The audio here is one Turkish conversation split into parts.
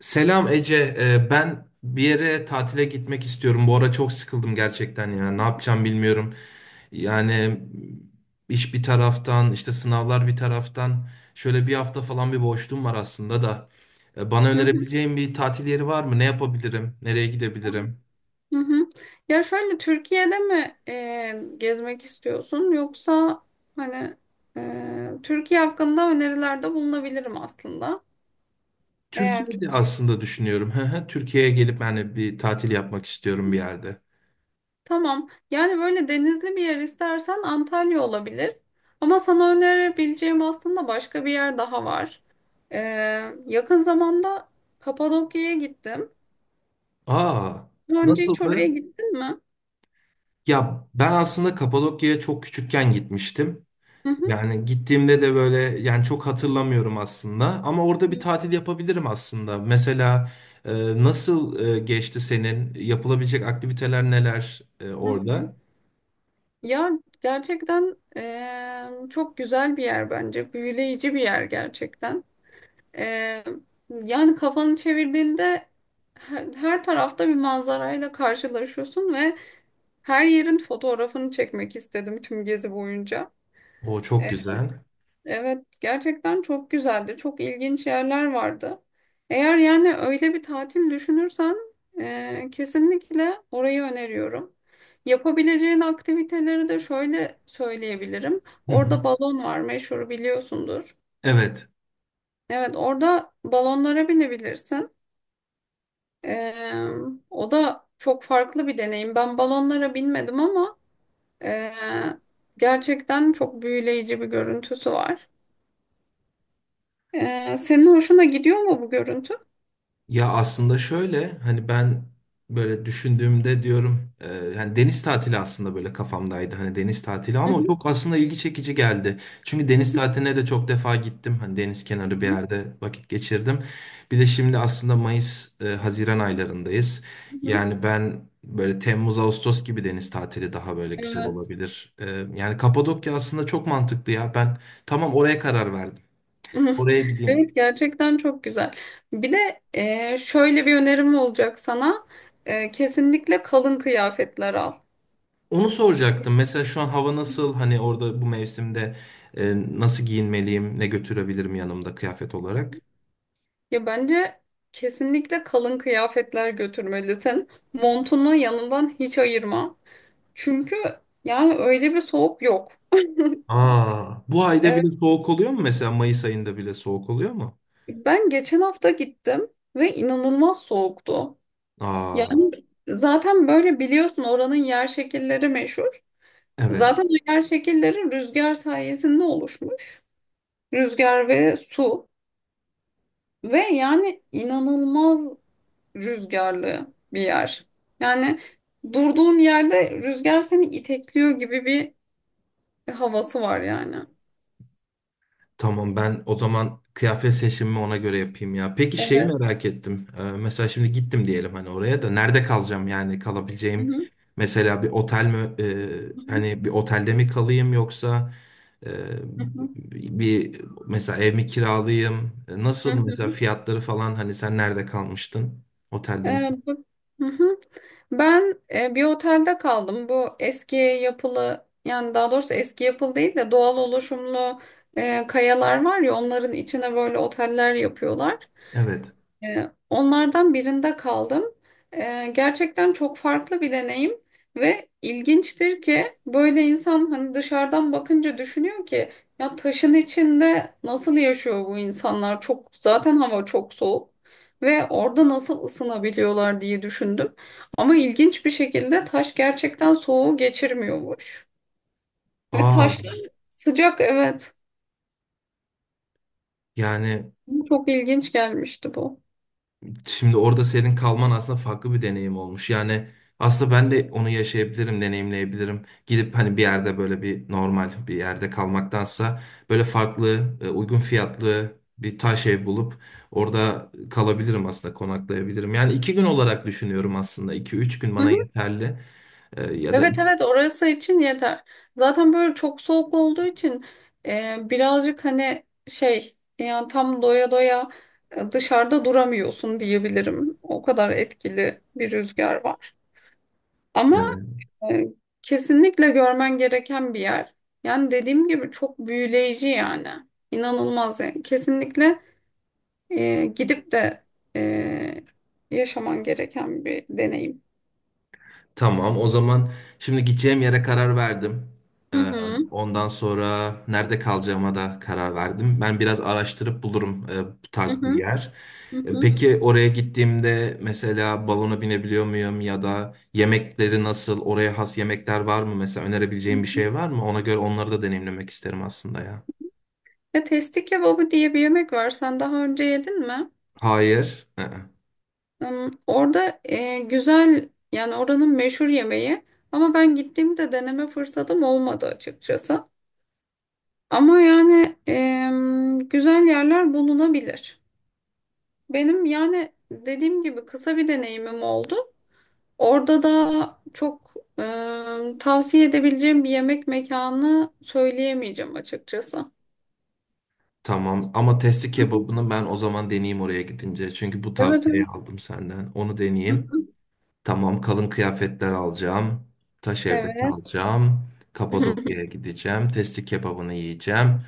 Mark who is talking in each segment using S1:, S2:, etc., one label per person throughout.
S1: Selam Ece. Ben bir yere tatile gitmek istiyorum. Bu ara çok sıkıldım gerçekten ya. Ne yapacağım bilmiyorum. Yani iş bir taraftan, işte sınavlar bir taraftan. Şöyle bir hafta falan bir boşluğum var aslında da. Bana
S2: Hı hı.
S1: önerebileceğin bir tatil yeri var mı? Ne yapabilirim? Nereye gidebilirim?
S2: Hı hı. Ya şöyle Türkiye'de mi gezmek istiyorsun, yoksa hani Türkiye hakkında önerilerde bulunabilirim aslında. Eğer çok,
S1: Türkiye'de aslında düşünüyorum. Hı hı, Türkiye'ye gelip hani bir tatil yapmak istiyorum bir yerde.
S2: tamam, yani böyle denizli bir yer istersen Antalya olabilir. Ama sana önerebileceğim aslında başka bir yer daha var. E, Yakın zamanda Kapadokya'ya gittim.
S1: Aa,
S2: Daha önce hiç oraya
S1: nasıldı?
S2: gittin mi?
S1: Ya ben aslında Kapadokya'ya çok küçükken gitmiştim.
S2: Hı hı.
S1: Yani gittiğimde de böyle yani çok hatırlamıyorum aslında ama orada
S2: Hı
S1: bir tatil yapabilirim aslında. Mesela nasıl geçti senin? Yapılabilecek aktiviteler neler
S2: hı.
S1: orada?
S2: Ya gerçekten çok güzel bir yer bence. Büyüleyici bir yer gerçekten. Eee, Yani kafanı çevirdiğinde her tarafta bir manzarayla karşılaşıyorsun ve her yerin fotoğrafını çekmek istedim tüm gezi boyunca.
S1: O çok güzel.
S2: Evet, gerçekten çok güzeldi. Çok ilginç yerler vardı. Eğer yani öyle bir tatil düşünürsen, kesinlikle orayı öneriyorum. Yapabileceğin aktiviteleri de şöyle söyleyebilirim.
S1: Hı hı.
S2: Orada balon var, meşhur biliyorsundur.
S1: Evet.
S2: Evet, orada balonlara binebilirsin. E, O da çok farklı bir deneyim. Ben balonlara binmedim, ama e, gerçekten çok büyüleyici bir görüntüsü var. Senin hoşuna gidiyor mu bu görüntü?
S1: Ya aslında şöyle hani ben böyle düşündüğümde diyorum yani deniz tatili aslında böyle kafamdaydı hani deniz tatili
S2: Hı
S1: ama
S2: hı,
S1: çok aslında ilgi çekici geldi. Çünkü
S2: hı
S1: deniz
S2: hı,
S1: tatiline de çok defa gittim hani deniz kenarı bir
S2: hı
S1: yerde vakit geçirdim. Bir de şimdi aslında Mayıs Haziran aylarındayız.
S2: hı, hı.
S1: Yani ben böyle Temmuz Ağustos gibi deniz tatili daha böyle güzel
S2: Evet.
S1: olabilir. E, yani Kapadokya aslında çok mantıklı ya ben tamam oraya karar verdim. Oraya gideyim.
S2: Evet, gerçekten çok güzel. Bir de şöyle bir önerim olacak sana. Kesinlikle kalın kıyafetler al.
S1: Onu soracaktım. Mesela şu an hava nasıl? Hani orada bu mevsimde nasıl giyinmeliyim? Ne götürebilirim yanımda kıyafet olarak?
S2: Ya bence kesinlikle kalın kıyafetler götürmelisin. Montunu yanından hiç ayırma. Çünkü yani öyle bir soğuk yok.
S1: Aa, bu ayda
S2: Evet,
S1: bile soğuk oluyor mu? Mesela Mayıs ayında bile soğuk oluyor mu?
S2: ben geçen hafta gittim ve inanılmaz soğuktu.
S1: Aa,
S2: Yani zaten böyle biliyorsun, oranın yer şekilleri meşhur.
S1: evet.
S2: Zaten o yer şekilleri rüzgar sayesinde oluşmuş. Rüzgar ve su, ve yani inanılmaz rüzgarlı bir yer. Yani durduğun yerde rüzgar seni itekliyor gibi bir havası var yani.
S1: Tamam ben o zaman kıyafet seçimimi ona göre yapayım ya. Peki şeyi
S2: Evet.
S1: merak ettim. Mesela şimdi gittim diyelim hani oraya da nerede kalacağım yani
S2: Hı
S1: kalabileceğim
S2: hı.
S1: mesela bir otel mi,
S2: Hı
S1: hani bir otelde mi kalayım yoksa e,
S2: hı.
S1: bir mesela ev mi kiralayayım? E,
S2: Hı
S1: nasıl mesela
S2: hı.
S1: fiyatları falan hani sen nerede kalmıştın? Otelde mi?
S2: Ee, bu- Hı hı. Ben bir otelde kaldım. Bu eski yapılı, yani daha doğrusu eski yapılı değil de doğal oluşumlu kayalar var ya, onların içine böyle oteller yapıyorlar.
S1: Evet.
S2: Onlardan birinde kaldım. Gerçekten çok farklı bir deneyim ve ilginçtir ki böyle insan hani dışarıdan bakınca düşünüyor ki, ya taşın içinde nasıl yaşıyor bu insanlar? Çok, zaten hava çok soğuk ve orada nasıl ısınabiliyorlar diye düşündüm. Ama ilginç bir şekilde taş gerçekten soğuğu geçirmiyormuş. Ve
S1: Aa
S2: taşlar sıcak, evet.
S1: yani
S2: Çok ilginç gelmişti bu.
S1: şimdi orada senin kalman aslında farklı bir deneyim olmuş. Yani aslında ben de onu yaşayabilirim, deneyimleyebilirim. Gidip hani bir yerde böyle bir normal bir yerde kalmaktansa böyle farklı, uygun fiyatlı bir taş ev bulup orada kalabilirim aslında, konaklayabilirim. Yani iki gün olarak düşünüyorum aslında. İki, üç gün bana yeterli. Ya da
S2: Evet, evet, orası için yeter. Zaten böyle çok soğuk olduğu için birazcık, hani şey, yani tam doya doya dışarıda duramıyorsun diyebilirim. O kadar etkili bir rüzgar var. Ama
S1: evet.
S2: e, kesinlikle görmen gereken bir yer. Yani dediğim gibi çok büyüleyici yani. İnanılmaz yani. Kesinlikle gidip de e, yaşaman gereken bir deneyim.
S1: Tamam, o zaman şimdi gideceğim yere karar verdim. Ee,
S2: Hı hı,
S1: ondan sonra nerede kalacağıma da karar verdim. Ben biraz araştırıp bulurum bu
S2: hı
S1: tarz bir
S2: hı,
S1: yer.
S2: hı
S1: E,
S2: hı.
S1: peki oraya gittiğimde mesela balona binebiliyor muyum ya da yemekleri nasıl, oraya has yemekler var mı? Mesela önerebileceğim bir şey var mı? Ona göre onları da deneyimlemek isterim aslında ya.
S2: Ya testi kebabı diye bir yemek var. Sen daha önce yedin mi?
S1: Hayır.
S2: Orada güzel, yani oranın meşhur yemeği. Ama ben gittiğimde deneme fırsatım olmadı açıkçası. Ama yani güzel yerler bulunabilir. Benim yani dediğim gibi kısa bir deneyimim oldu. Orada da çok tavsiye edebileceğim bir yemek mekanı söyleyemeyeceğim açıkçası.
S1: Tamam ama testi kebabını ben o zaman deneyeyim oraya gidince. Çünkü bu
S2: Evet,
S1: tavsiyeyi
S2: evet.
S1: aldım senden. Onu deneyeyim. Tamam, kalın kıyafetler alacağım. Taş evde
S2: Evet.
S1: kalacağım.
S2: Hı
S1: Kapadokya'ya gideceğim. Testi kebabını yiyeceğim.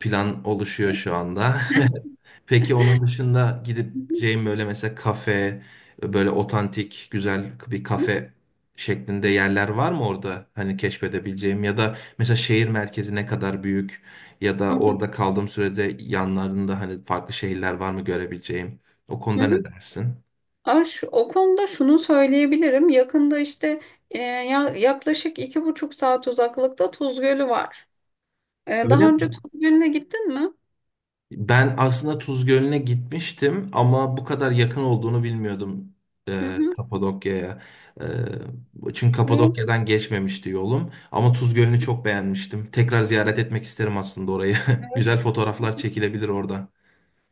S1: Plan oluşuyor şu anda. Peki onun dışında
S2: hı.
S1: gideceğim böyle mesela kafe, böyle otantik, güzel bir kafe şeklinde yerler var mı orada? Hani keşfedebileceğim ya da mesela şehir merkezi ne kadar büyük ya
S2: Hı
S1: da
S2: hı. Hı
S1: orada kaldığım sürede yanlarında hani farklı şehirler var mı görebileceğim? O konuda ne
S2: hı.
S1: dersin?
S2: Ama o konuda şunu söyleyebilirim. Yakında işte yaklaşık iki buçuk saat uzaklıkta Tuz Gölü var.
S1: Öyle
S2: Daha önce
S1: mi?
S2: Tuz Gölü'ne gittin mi?
S1: Ben aslında Tuz Gölü'ne gitmiştim ama bu kadar yakın olduğunu bilmiyordum
S2: Hı hı.
S1: Kapadokya'ya. E, çünkü
S2: Evet,
S1: Kapadokya'dan geçmemişti yolum. Ama Tuz Gölü'nü çok beğenmiştim. Tekrar ziyaret etmek isterim aslında orayı.
S2: evet.
S1: Güzel fotoğraflar çekilebilir orada.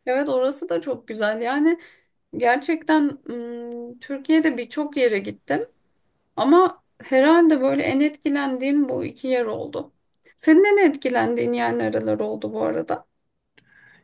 S2: Evet, orası da çok güzel. Yani gerçekten Türkiye'de birçok yere gittim. Ama herhalde böyle en etkilendiğim bu iki yer oldu. Senin en etkilendiğin yer nereler oldu bu arada?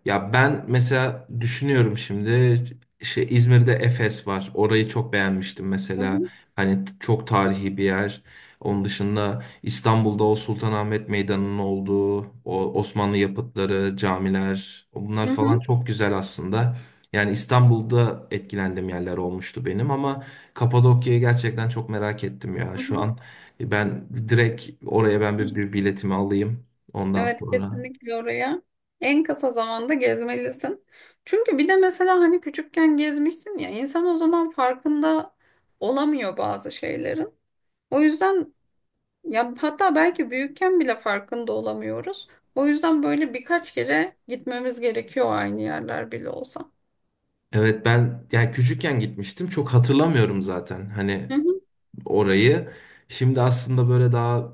S1: Ya ben mesela düşünüyorum şimdi şey İzmir'de Efes var. Orayı çok beğenmiştim
S2: Hı
S1: mesela.
S2: hı.
S1: Hani çok tarihi bir yer. Onun dışında İstanbul'da o Sultanahmet Meydanı'nın olduğu, o Osmanlı yapıtları, camiler, bunlar
S2: Hı
S1: falan
S2: hı.
S1: çok güzel aslında. Yani İstanbul'da etkilendiğim yerler olmuştu benim ama Kapadokya'yı gerçekten çok merak ettim ya.
S2: Hı
S1: Şu an ben direkt oraya ben bir,
S2: hı.
S1: bir biletimi alayım ondan
S2: Evet,
S1: sonra.
S2: kesinlikle oraya en kısa zamanda gezmelisin. Çünkü bir de mesela hani küçükken gezmişsin ya, insan o zaman farkında olamıyor bazı şeylerin. O yüzden, ya hatta belki büyükken bile farkında olamıyoruz. O yüzden böyle birkaç kere gitmemiz gerekiyor, aynı yerler bile olsa.
S1: Evet ben yani küçükken gitmiştim çok hatırlamıyorum zaten hani
S2: Hı hı,
S1: orayı. Şimdi aslında böyle daha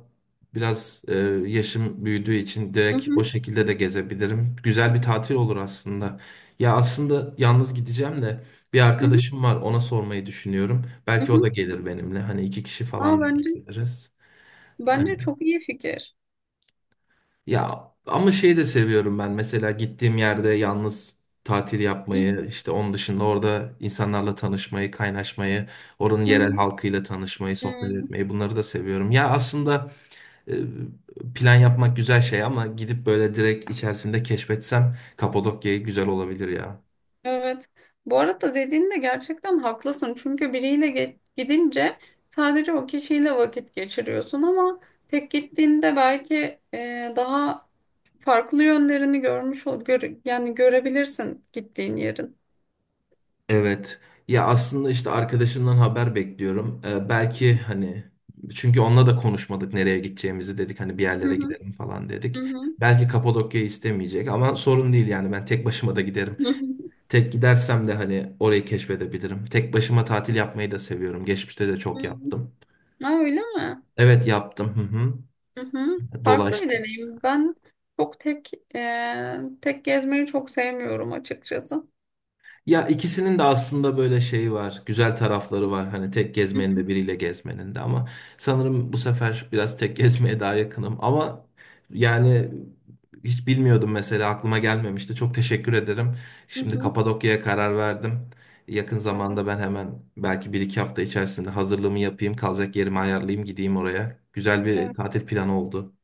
S1: biraz yaşım büyüdüğü için
S2: hı
S1: direkt o şekilde de gezebilirim. Güzel bir tatil olur aslında. Ya aslında yalnız gideceğim de bir
S2: hı,
S1: arkadaşım var, ona sormayı düşünüyorum.
S2: hı.
S1: Belki o da
S2: Hı.
S1: gelir benimle hani iki kişi
S2: Aa,
S1: falan da
S2: bence
S1: gidebiliriz.
S2: bence çok iyi fikir.
S1: Ya ama şeyi de seviyorum ben. Mesela gittiğim yerde yalnız tatil yapmayı,
S2: Hı
S1: işte onun dışında orada insanlarla tanışmayı, kaynaşmayı, oranın
S2: hı,
S1: yerel
S2: hı.
S1: halkıyla tanışmayı, sohbet
S2: Hı.
S1: etmeyi bunları da seviyorum. Ya aslında e, plan yapmak güzel şey ama gidip böyle direkt içerisinde keşfetsem Kapadokya'yı güzel olabilir ya.
S2: Evet. Bu arada dediğinde gerçekten haklısın. Çünkü biriyle gidince sadece o kişiyle vakit geçiriyorsun, ama tek gittiğinde belki daha farklı yönlerini görmüş ol gör yani görebilirsin gittiğin yerin.
S1: Evet. Ya aslında işte arkadaşımdan haber bekliyorum. Belki hani, çünkü onunla da konuşmadık nereye gideceğimizi, dedik hani bir
S2: Hı
S1: yerlere
S2: hı,
S1: gidelim falan
S2: hı
S1: dedik.
S2: hı,
S1: Belki Kapadokya istemeyecek ama sorun değil yani ben tek başıma da giderim.
S2: hı hı,
S1: Tek gidersem de hani orayı keşfedebilirim. Tek başıma tatil yapmayı da seviyorum. Geçmişte de
S2: hı
S1: çok
S2: hı.
S1: yaptım.
S2: Ha, öyle mi?
S1: Evet yaptım. Hı hı.
S2: Hı hı. Farklı bir
S1: Dolaştım.
S2: deneyim. Ben çok tek gezmeyi çok sevmiyorum açıkçası.
S1: Ya ikisinin de aslında böyle şeyi var, güzel tarafları var. Hani tek
S2: Hı
S1: gezmenin
S2: hı,
S1: de biriyle gezmenin de, ama sanırım bu sefer biraz tek gezmeye daha yakınım. Ama yani hiç bilmiyordum mesela, aklıma gelmemişti. Çok teşekkür ederim.
S2: hı
S1: Şimdi
S2: hı.
S1: Kapadokya'ya karar verdim. Yakın zamanda ben hemen belki bir iki hafta içerisinde hazırlığımı yapayım, kalacak yerimi
S2: Evet.
S1: ayarlayayım, gideyim oraya. Güzel bir tatil planı oldu,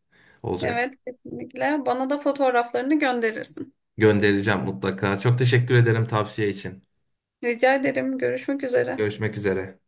S1: olacak.
S2: Evet, kesinlikle. Bana da fotoğraflarını gönderirsin.
S1: Göndereceğim mutlaka. Çok teşekkür ederim tavsiye için.
S2: Rica ederim. Görüşmek üzere.
S1: Görüşmek üzere.